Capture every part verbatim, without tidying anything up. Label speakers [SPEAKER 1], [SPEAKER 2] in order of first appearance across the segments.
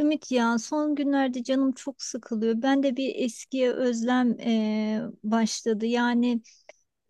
[SPEAKER 1] Ümit, ya son günlerde canım çok sıkılıyor. Ben de bir eskiye özlem eee, başladı. Yani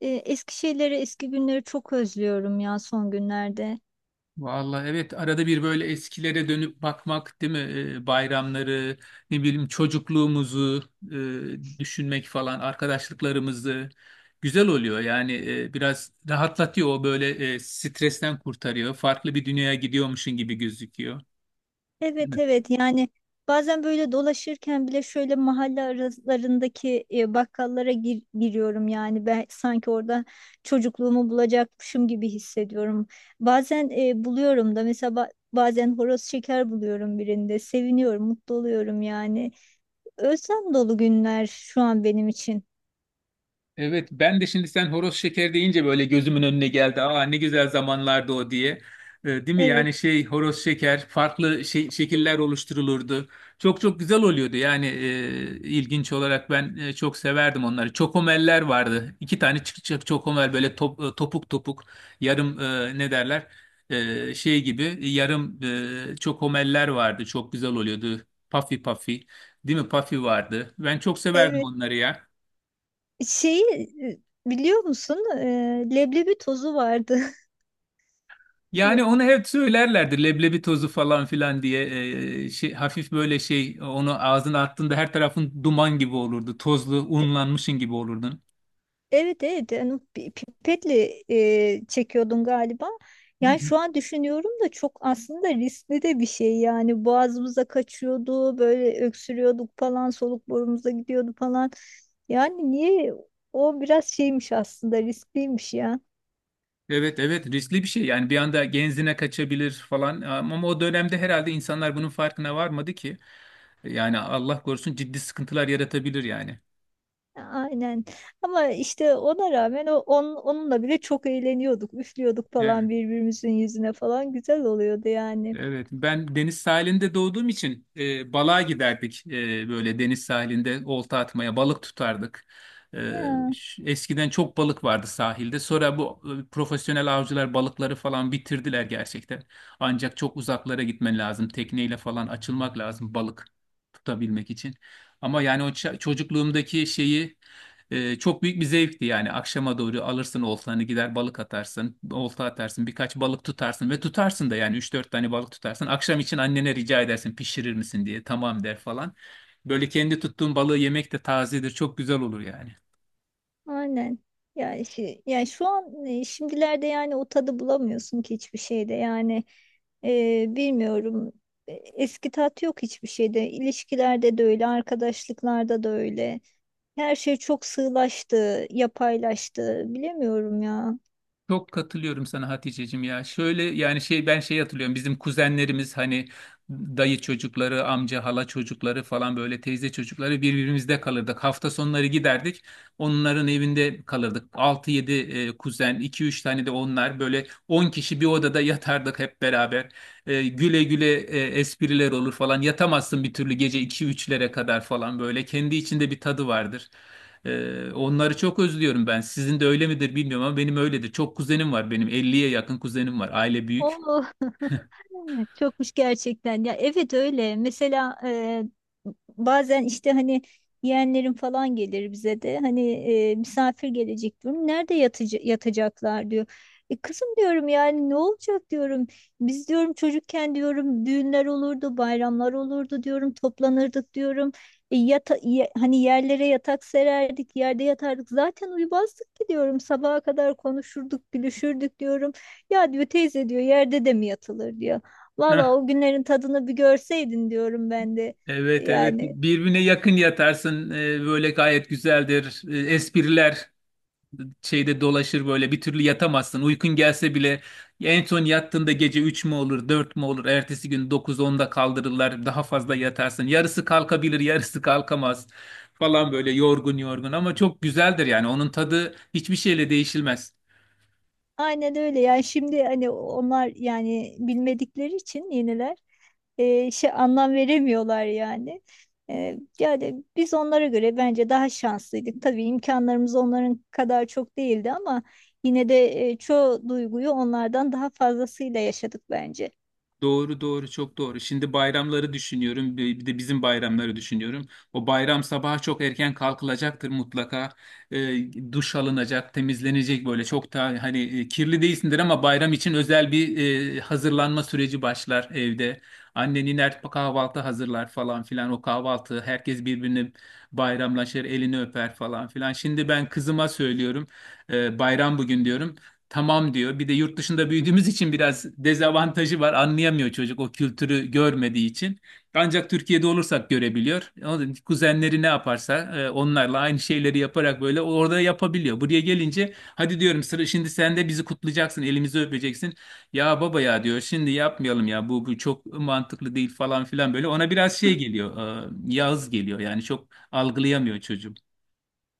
[SPEAKER 1] eee, eski şeyleri, eski günleri çok özlüyorum ya son günlerde.
[SPEAKER 2] Vallahi evet arada bir böyle eskilere dönüp bakmak değil mi? Ee, bayramları, ne bileyim çocukluğumuzu e, düşünmek falan, arkadaşlıklarımızı güzel oluyor. Yani e, biraz rahatlatıyor o böyle, e, stresten kurtarıyor. Farklı bir dünyaya gidiyormuşsun gibi gözüküyor.
[SPEAKER 1] Evet, evet, yani bazen böyle dolaşırken bile şöyle mahalle aralarındaki eee, bakkallara gir- giriyorum. Yani ben sanki orada çocukluğumu bulacakmışım gibi hissediyorum. Bazen eee, buluyorum da, mesela ba- bazen horoz şeker buluyorum birinde. Seviniyorum, mutlu oluyorum yani. Özlem dolu günler şu an benim için.
[SPEAKER 2] Evet, ben de şimdi sen horoz şeker deyince böyle gözümün önüne geldi. Aa, ne güzel zamanlardı o diye. Ee, değil mi?
[SPEAKER 1] Evet,
[SPEAKER 2] Yani şey, horoz şeker farklı şey, şekiller oluşturulurdu. Çok çok güzel oluyordu. Yani e, ilginç olarak ben e, çok severdim onları. Çokomeller vardı. İki tane çıkacak çokomel böyle top- e, topuk topuk yarım, e, ne derler? E, şey gibi yarım e, çokomeller vardı. Çok güzel oluyordu. Puffy puffy. Değil mi? Puffy vardı. Ben çok severdim
[SPEAKER 1] evet.
[SPEAKER 2] onları ya.
[SPEAKER 1] Şeyi e, biliyor musun? E, leblebi tozu vardı. Ya,
[SPEAKER 2] Yani onu hep söylerlerdi, leblebi tozu falan filan diye. Ee, şey, hafif böyle şey, onu ağzına attığında her tarafın duman gibi olurdu. Tozlu
[SPEAKER 1] e,
[SPEAKER 2] unlanmışın gibi olurdun.
[SPEAKER 1] evet, evet. Yani o pi- pipetle e, çekiyordun galiba.
[SPEAKER 2] Hı
[SPEAKER 1] Yani
[SPEAKER 2] hı.
[SPEAKER 1] şu an düşünüyorum da çok aslında riskli de bir şey. Yani boğazımıza kaçıyordu, böyle öksürüyorduk falan, soluk borumuza gidiyordu falan. Yani niye? O biraz şeymiş aslında, riskliymiş ya.
[SPEAKER 2] Evet evet, riskli bir şey yani, bir anda genzine kaçabilir falan ama o dönemde herhalde insanlar bunun farkına varmadı ki. Yani Allah korusun, ciddi sıkıntılar yaratabilir yani.
[SPEAKER 1] Aynen. Ama işte ona rağmen o on, onunla bile çok eğleniyorduk. Üflüyorduk falan birbirimizin yüzüne falan, güzel oluyordu yani.
[SPEAKER 2] Evet, ben deniz sahilinde doğduğum için e, balığa giderdik. E, böyle deniz sahilinde olta atmaya, balık tutardık. E,
[SPEAKER 1] Ya
[SPEAKER 2] ş- Eskiden çok balık vardı sahilde. Sonra bu e, profesyonel avcılar balıkları falan bitirdiler gerçekten. Ancak çok uzaklara gitmen lazım. Tekneyle falan açılmak lazım balık tutabilmek için. Ama yani o ça- çocukluğumdaki şeyi, ee, çok büyük bir zevkti. Yani akşama doğru alırsın oltanı, gider balık atarsın, olta atarsın, birkaç balık tutarsın ve tutarsın da. Yani üç dört tane balık tutarsın akşam için, annene rica edersin pişirir misin diye, tamam der falan. Böyle kendi tuttuğun balığı yemek de tazedir, çok güzel olur yani.
[SPEAKER 1] aynen. Ya şi- ya şu an, e, şimdilerde yani o tadı bulamıyorsun ki hiçbir şeyde. Yani e, bilmiyorum. E, Eski tat yok hiçbir şeyde. İlişkilerde de öyle, arkadaşlıklarda da öyle. Her şey çok sığlaştı, yapaylaştı. Bilemiyorum ya.
[SPEAKER 2] Çok katılıyorum sana Haticeciğim ya. Şöyle yani şey, ben şey hatırlıyorum. Bizim kuzenlerimiz hani dayı çocukları, amca, hala çocukları falan, böyle teyze çocukları, birbirimizde kalırdık. Hafta sonları giderdik. Onların evinde kalırdık. Altı yedi e, kuzen, iki üç tane de onlar, böyle on kişi bir odada yatardık hep beraber. E, güle güle e, espriler olur falan. Yatamazsın bir türlü, gece iki üçlere kadar falan böyle. Kendi içinde bir tadı vardır. Ee, onları çok özlüyorum ben. Sizin de öyle midir bilmiyorum ama benim öyledir. Çok kuzenim var benim. Elliye yakın kuzenim var. Aile büyük.
[SPEAKER 1] Oh. Evet, çokmuş gerçekten. Ya evet, öyle. Mesela e, bazen işte hani yeğenlerim falan gelir bize de, hani e, misafir gelecek diyorum. Nerede yatıcı, yatacaklar diyor. E kızım, diyorum, yani ne olacak diyorum. Biz, diyorum, çocukken diyorum düğünler olurdu, bayramlar olurdu diyorum, toplanırdık diyorum. E, yata, ye- hani yerlere yatak sererdik, yerde yatardık. Zaten uyumazdık ki diyorum. Sabaha kadar konuşurduk, gülüşürdük diyorum. Ya diyor, teyze diyor, yerde de mi yatılır diyor.
[SPEAKER 2] Heh,
[SPEAKER 1] Valla o günlerin tadını bir görseydin diyorum ben de.
[SPEAKER 2] evet evet.
[SPEAKER 1] Yani
[SPEAKER 2] Birbirine yakın yatarsın. Ee, böyle gayet güzeldir. Ee, espriler şeyde dolaşır böyle. Bir türlü yatamazsın. Uykun gelse bile en son yattığında gece üç mü olur, dört mü olur? Ertesi gün dokuz onda kaldırırlar. Daha fazla yatarsın. Yarısı kalkabilir, yarısı kalkamaz falan, böyle yorgun yorgun, ama çok güzeldir yani. Onun tadı hiçbir şeyle değişilmez.
[SPEAKER 1] aynen öyle. Yani şimdi hani onlar yani bilmedikleri için yeniler. E, şey, anlam veremiyorlar yani. E, yani biz onlara göre bence daha şanslıydık. Tabii imkanlarımız onların kadar çok değildi ama yine de e, çoğu duyguyu onlardan daha fazlasıyla yaşadık bence.
[SPEAKER 2] Doğru doğru, çok doğru. Şimdi bayramları düşünüyorum. Bir bir de bizim bayramları düşünüyorum. O bayram sabahı çok erken kalkılacaktır mutlaka. Ee, duş alınacak, temizlenecek, böyle çok da hani e, kirli değilsindir ama bayram için özel bir e, hazırlanma süreci başlar evde. Annen iner, kahvaltı hazırlar falan filan. O kahvaltı herkes birbirini bayramlaşır, elini öper falan filan. Şimdi ben kızıma söylüyorum. E, bayram bugün diyorum. Tamam diyor. Bir de yurt dışında büyüdüğümüz için biraz dezavantajı var. Anlayamıyor çocuk o kültürü görmediği için. Ancak Türkiye'de olursak görebiliyor. Onun kuzenleri ne yaparsa, e, onlarla aynı şeyleri yaparak böyle orada yapabiliyor. Buraya gelince hadi diyorum, sıra şimdi sen de bizi kutlayacaksın, elimizi öpeceksin. Ya baba ya diyor, şimdi yapmayalım ya, bu, bu çok mantıklı değil falan filan böyle. Ona biraz şey geliyor, e, yağız geliyor yani, çok algılayamıyor çocuğum.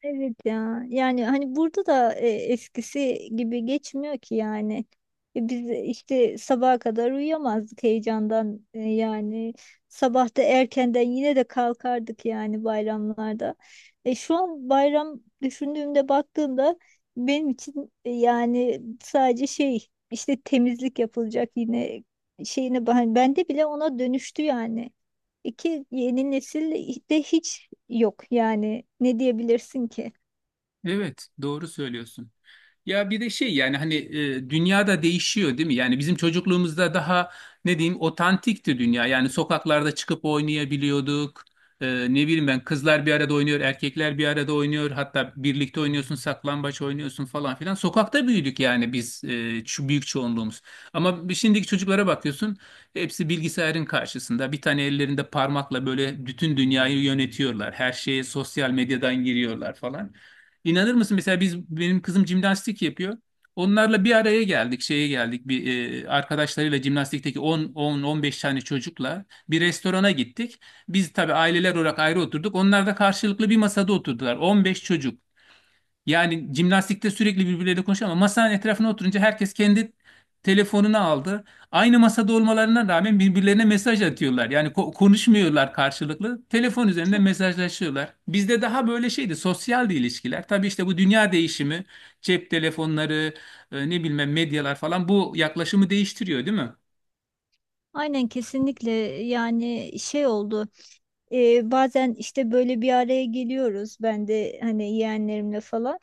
[SPEAKER 1] Evet ya, yani hani burada da e, eskisi gibi geçmiyor ki yani. E, biz işte sabaha kadar uyuyamazdık heyecandan. E, yani sabah da erkenden yine de kalkardık yani, bayramlarda. E, şu an bayram düşündüğümde, baktığımda benim için e, yani sadece şey, işte temizlik yapılacak, yine şeyine, ben bende bile ona dönüştü yani. İki, yeni nesil de hiç yok yani, ne diyebilirsin ki?
[SPEAKER 2] Evet, doğru söylüyorsun. Ya bir de şey, yani hani e, dünyada değişiyor değil mi? Yani bizim çocukluğumuzda daha ne diyeyim, otantikti dünya. Yani sokaklarda çıkıp oynayabiliyorduk. E, Ne bileyim ben, kızlar bir arada oynuyor, erkekler bir arada oynuyor. Hatta birlikte oynuyorsun, saklambaç oynuyorsun falan filan. Sokakta büyüdük yani biz, e, şu büyük çoğunluğumuz. Ama şimdiki çocuklara bakıyorsun, hepsi bilgisayarın karşısında. Bir tane ellerinde parmakla böyle bütün dünyayı yönetiyorlar. Her şeye sosyal medyadan giriyorlar falan. İnanır mısın mesela, biz, benim kızım jimnastik yapıyor. Onlarla bir araya geldik, şeye geldik bir e, arkadaşlarıyla jimnastikteki 10 10 on beş tane çocukla bir restorana gittik. Biz tabii aileler olarak ayrı oturduk. Onlar da karşılıklı bir masada oturdular. on beş çocuk. Yani jimnastikte sürekli birbirleriyle konuşuyor ama masanın etrafına oturunca herkes kendi telefonunu aldı. Aynı masada olmalarına rağmen birbirlerine mesaj atıyorlar. Yani ko- konuşmuyorlar karşılıklı. Telefon üzerinde
[SPEAKER 1] Çok
[SPEAKER 2] mesajlaşıyorlar. Bizde daha böyle şeydi, sosyaldi ilişkiler. Tabii işte bu dünya değişimi, cep telefonları, e, ne bilmem medyalar falan, bu yaklaşımı değiştiriyor, değil mi?
[SPEAKER 1] aynen, kesinlikle, yani şey oldu. Ee, bazen işte böyle bir araya geliyoruz. Ben de hani yeğenlerimle falan.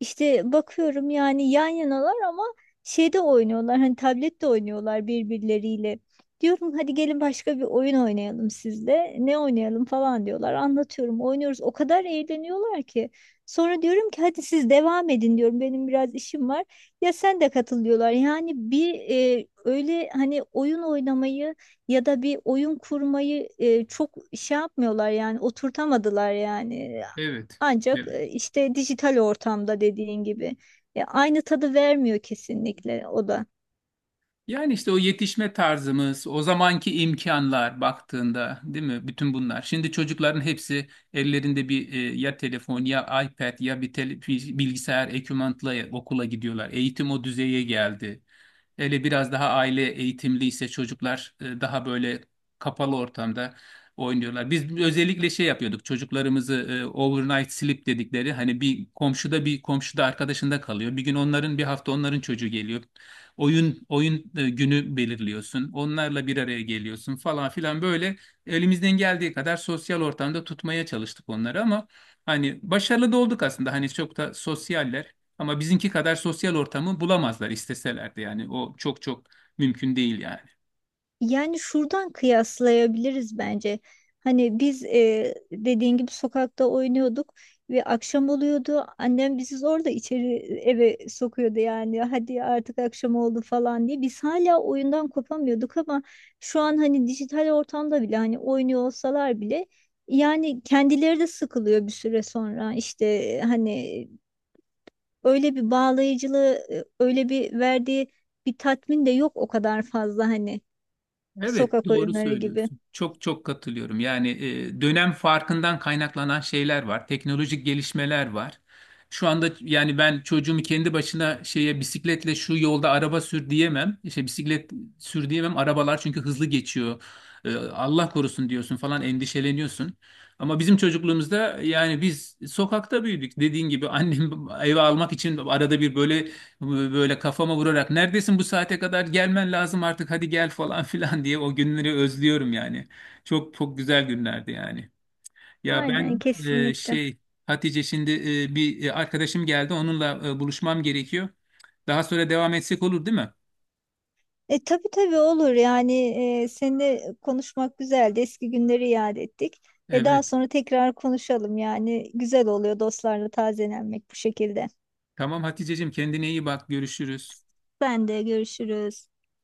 [SPEAKER 1] İşte bakıyorum yani, yan yanalar ama şeyde oynuyorlar. Hani tablette oynuyorlar birbirleriyle. Diyorum hadi gelin başka bir oyun oynayalım sizle. Ne oynayalım falan diyorlar. Anlatıyorum, oynuyoruz. O kadar eğleniyorlar ki. Sonra diyorum ki hadi siz devam edin diyorum, benim biraz işim var. Ya sen de katıl diyorlar. Yani bir e, öyle, hani, oyun oynamayı ya da bir oyun kurmayı e, çok şey yapmıyorlar yani, oturtamadılar yani.
[SPEAKER 2] Evet.
[SPEAKER 1] Ancak
[SPEAKER 2] Evet.
[SPEAKER 1] e, işte dijital ortamda dediğin gibi E, aynı tadı vermiyor kesinlikle o da.
[SPEAKER 2] Yani işte o yetişme tarzımız, o zamanki imkanlar baktığında, değil mi? Bütün bunlar. Şimdi çocukların hepsi ellerinde bir e, ya telefon, ya iPad, ya bir tele- bilgisayar ekipmanla okula gidiyorlar. Eğitim o düzeye geldi. Hele biraz daha aile eğitimli ise, çocuklar e, daha böyle kapalı ortamda oynuyorlar. Biz özellikle şey yapıyorduk. Çocuklarımızı e, overnight sleep dedikleri, hani bir komşuda bir komşuda arkadaşında kalıyor. Bir gün onların, bir hafta onların çocuğu geliyor, oyun oyun e, günü belirliyorsun. Onlarla bir araya geliyorsun falan filan böyle, elimizden geldiği kadar sosyal ortamda tutmaya çalıştık onları, ama hani başarılı da olduk aslında. Hani çok da sosyaller ama bizimki kadar sosyal ortamı bulamazlar isteselerdi. Yani o çok çok mümkün değil yani.
[SPEAKER 1] Yani şuradan kıyaslayabiliriz bence. Hani biz e, dediğin gibi sokakta oynuyorduk ve akşam oluyordu. Annem bizi zor da içeri, eve sokuyordu yani. Hadi artık akşam oldu falan diye. Biz hala oyundan kopamıyorduk ama şu an hani dijital ortamda bile, hani oynuyor olsalar bile, yani kendileri de sıkılıyor bir süre sonra. İşte e, hani öyle bir bağlayıcılığı, e, öyle bir verdiği bir tatmin de yok o kadar fazla, hani.
[SPEAKER 2] Evet,
[SPEAKER 1] Sokak
[SPEAKER 2] doğru
[SPEAKER 1] oyunları gibi.
[SPEAKER 2] söylüyorsun. Çok çok katılıyorum. Yani e, dönem farkından kaynaklanan şeyler var. Teknolojik gelişmeler var. Şu anda yani ben çocuğumu kendi başına şeye, bisikletle şu yolda araba sür diyemem. İşte bisiklet sür diyemem. Arabalar çünkü hızlı geçiyor. E, Allah korusun diyorsun falan, endişeleniyorsun. Ama bizim çocukluğumuzda yani biz sokakta büyüdük. Dediğin gibi annem eve almak için arada bir böyle, böyle kafama vurarak, neredesin, bu saate kadar gelmen lazım artık, hadi gel falan filan diye, o günleri özlüyorum yani. Çok çok güzel günlerdi yani. Ya
[SPEAKER 1] Aynen,
[SPEAKER 2] ben e,
[SPEAKER 1] kesinlikle.
[SPEAKER 2] şey, Hatice, şimdi e, bir e, arkadaşım geldi, onunla e, buluşmam gerekiyor. Daha sonra devam etsek olur değil mi?
[SPEAKER 1] E tabii, tabii olur yani, e, seninle konuşmak güzeldi. Eski günleri yad ettik. Ve daha
[SPEAKER 2] Evet.
[SPEAKER 1] sonra tekrar konuşalım, yani güzel oluyor dostlarla tazelenmek bu şekilde.
[SPEAKER 2] Tamam Haticeciğim, kendine iyi bak, görüşürüz.
[SPEAKER 1] Ben de, görüşürüz.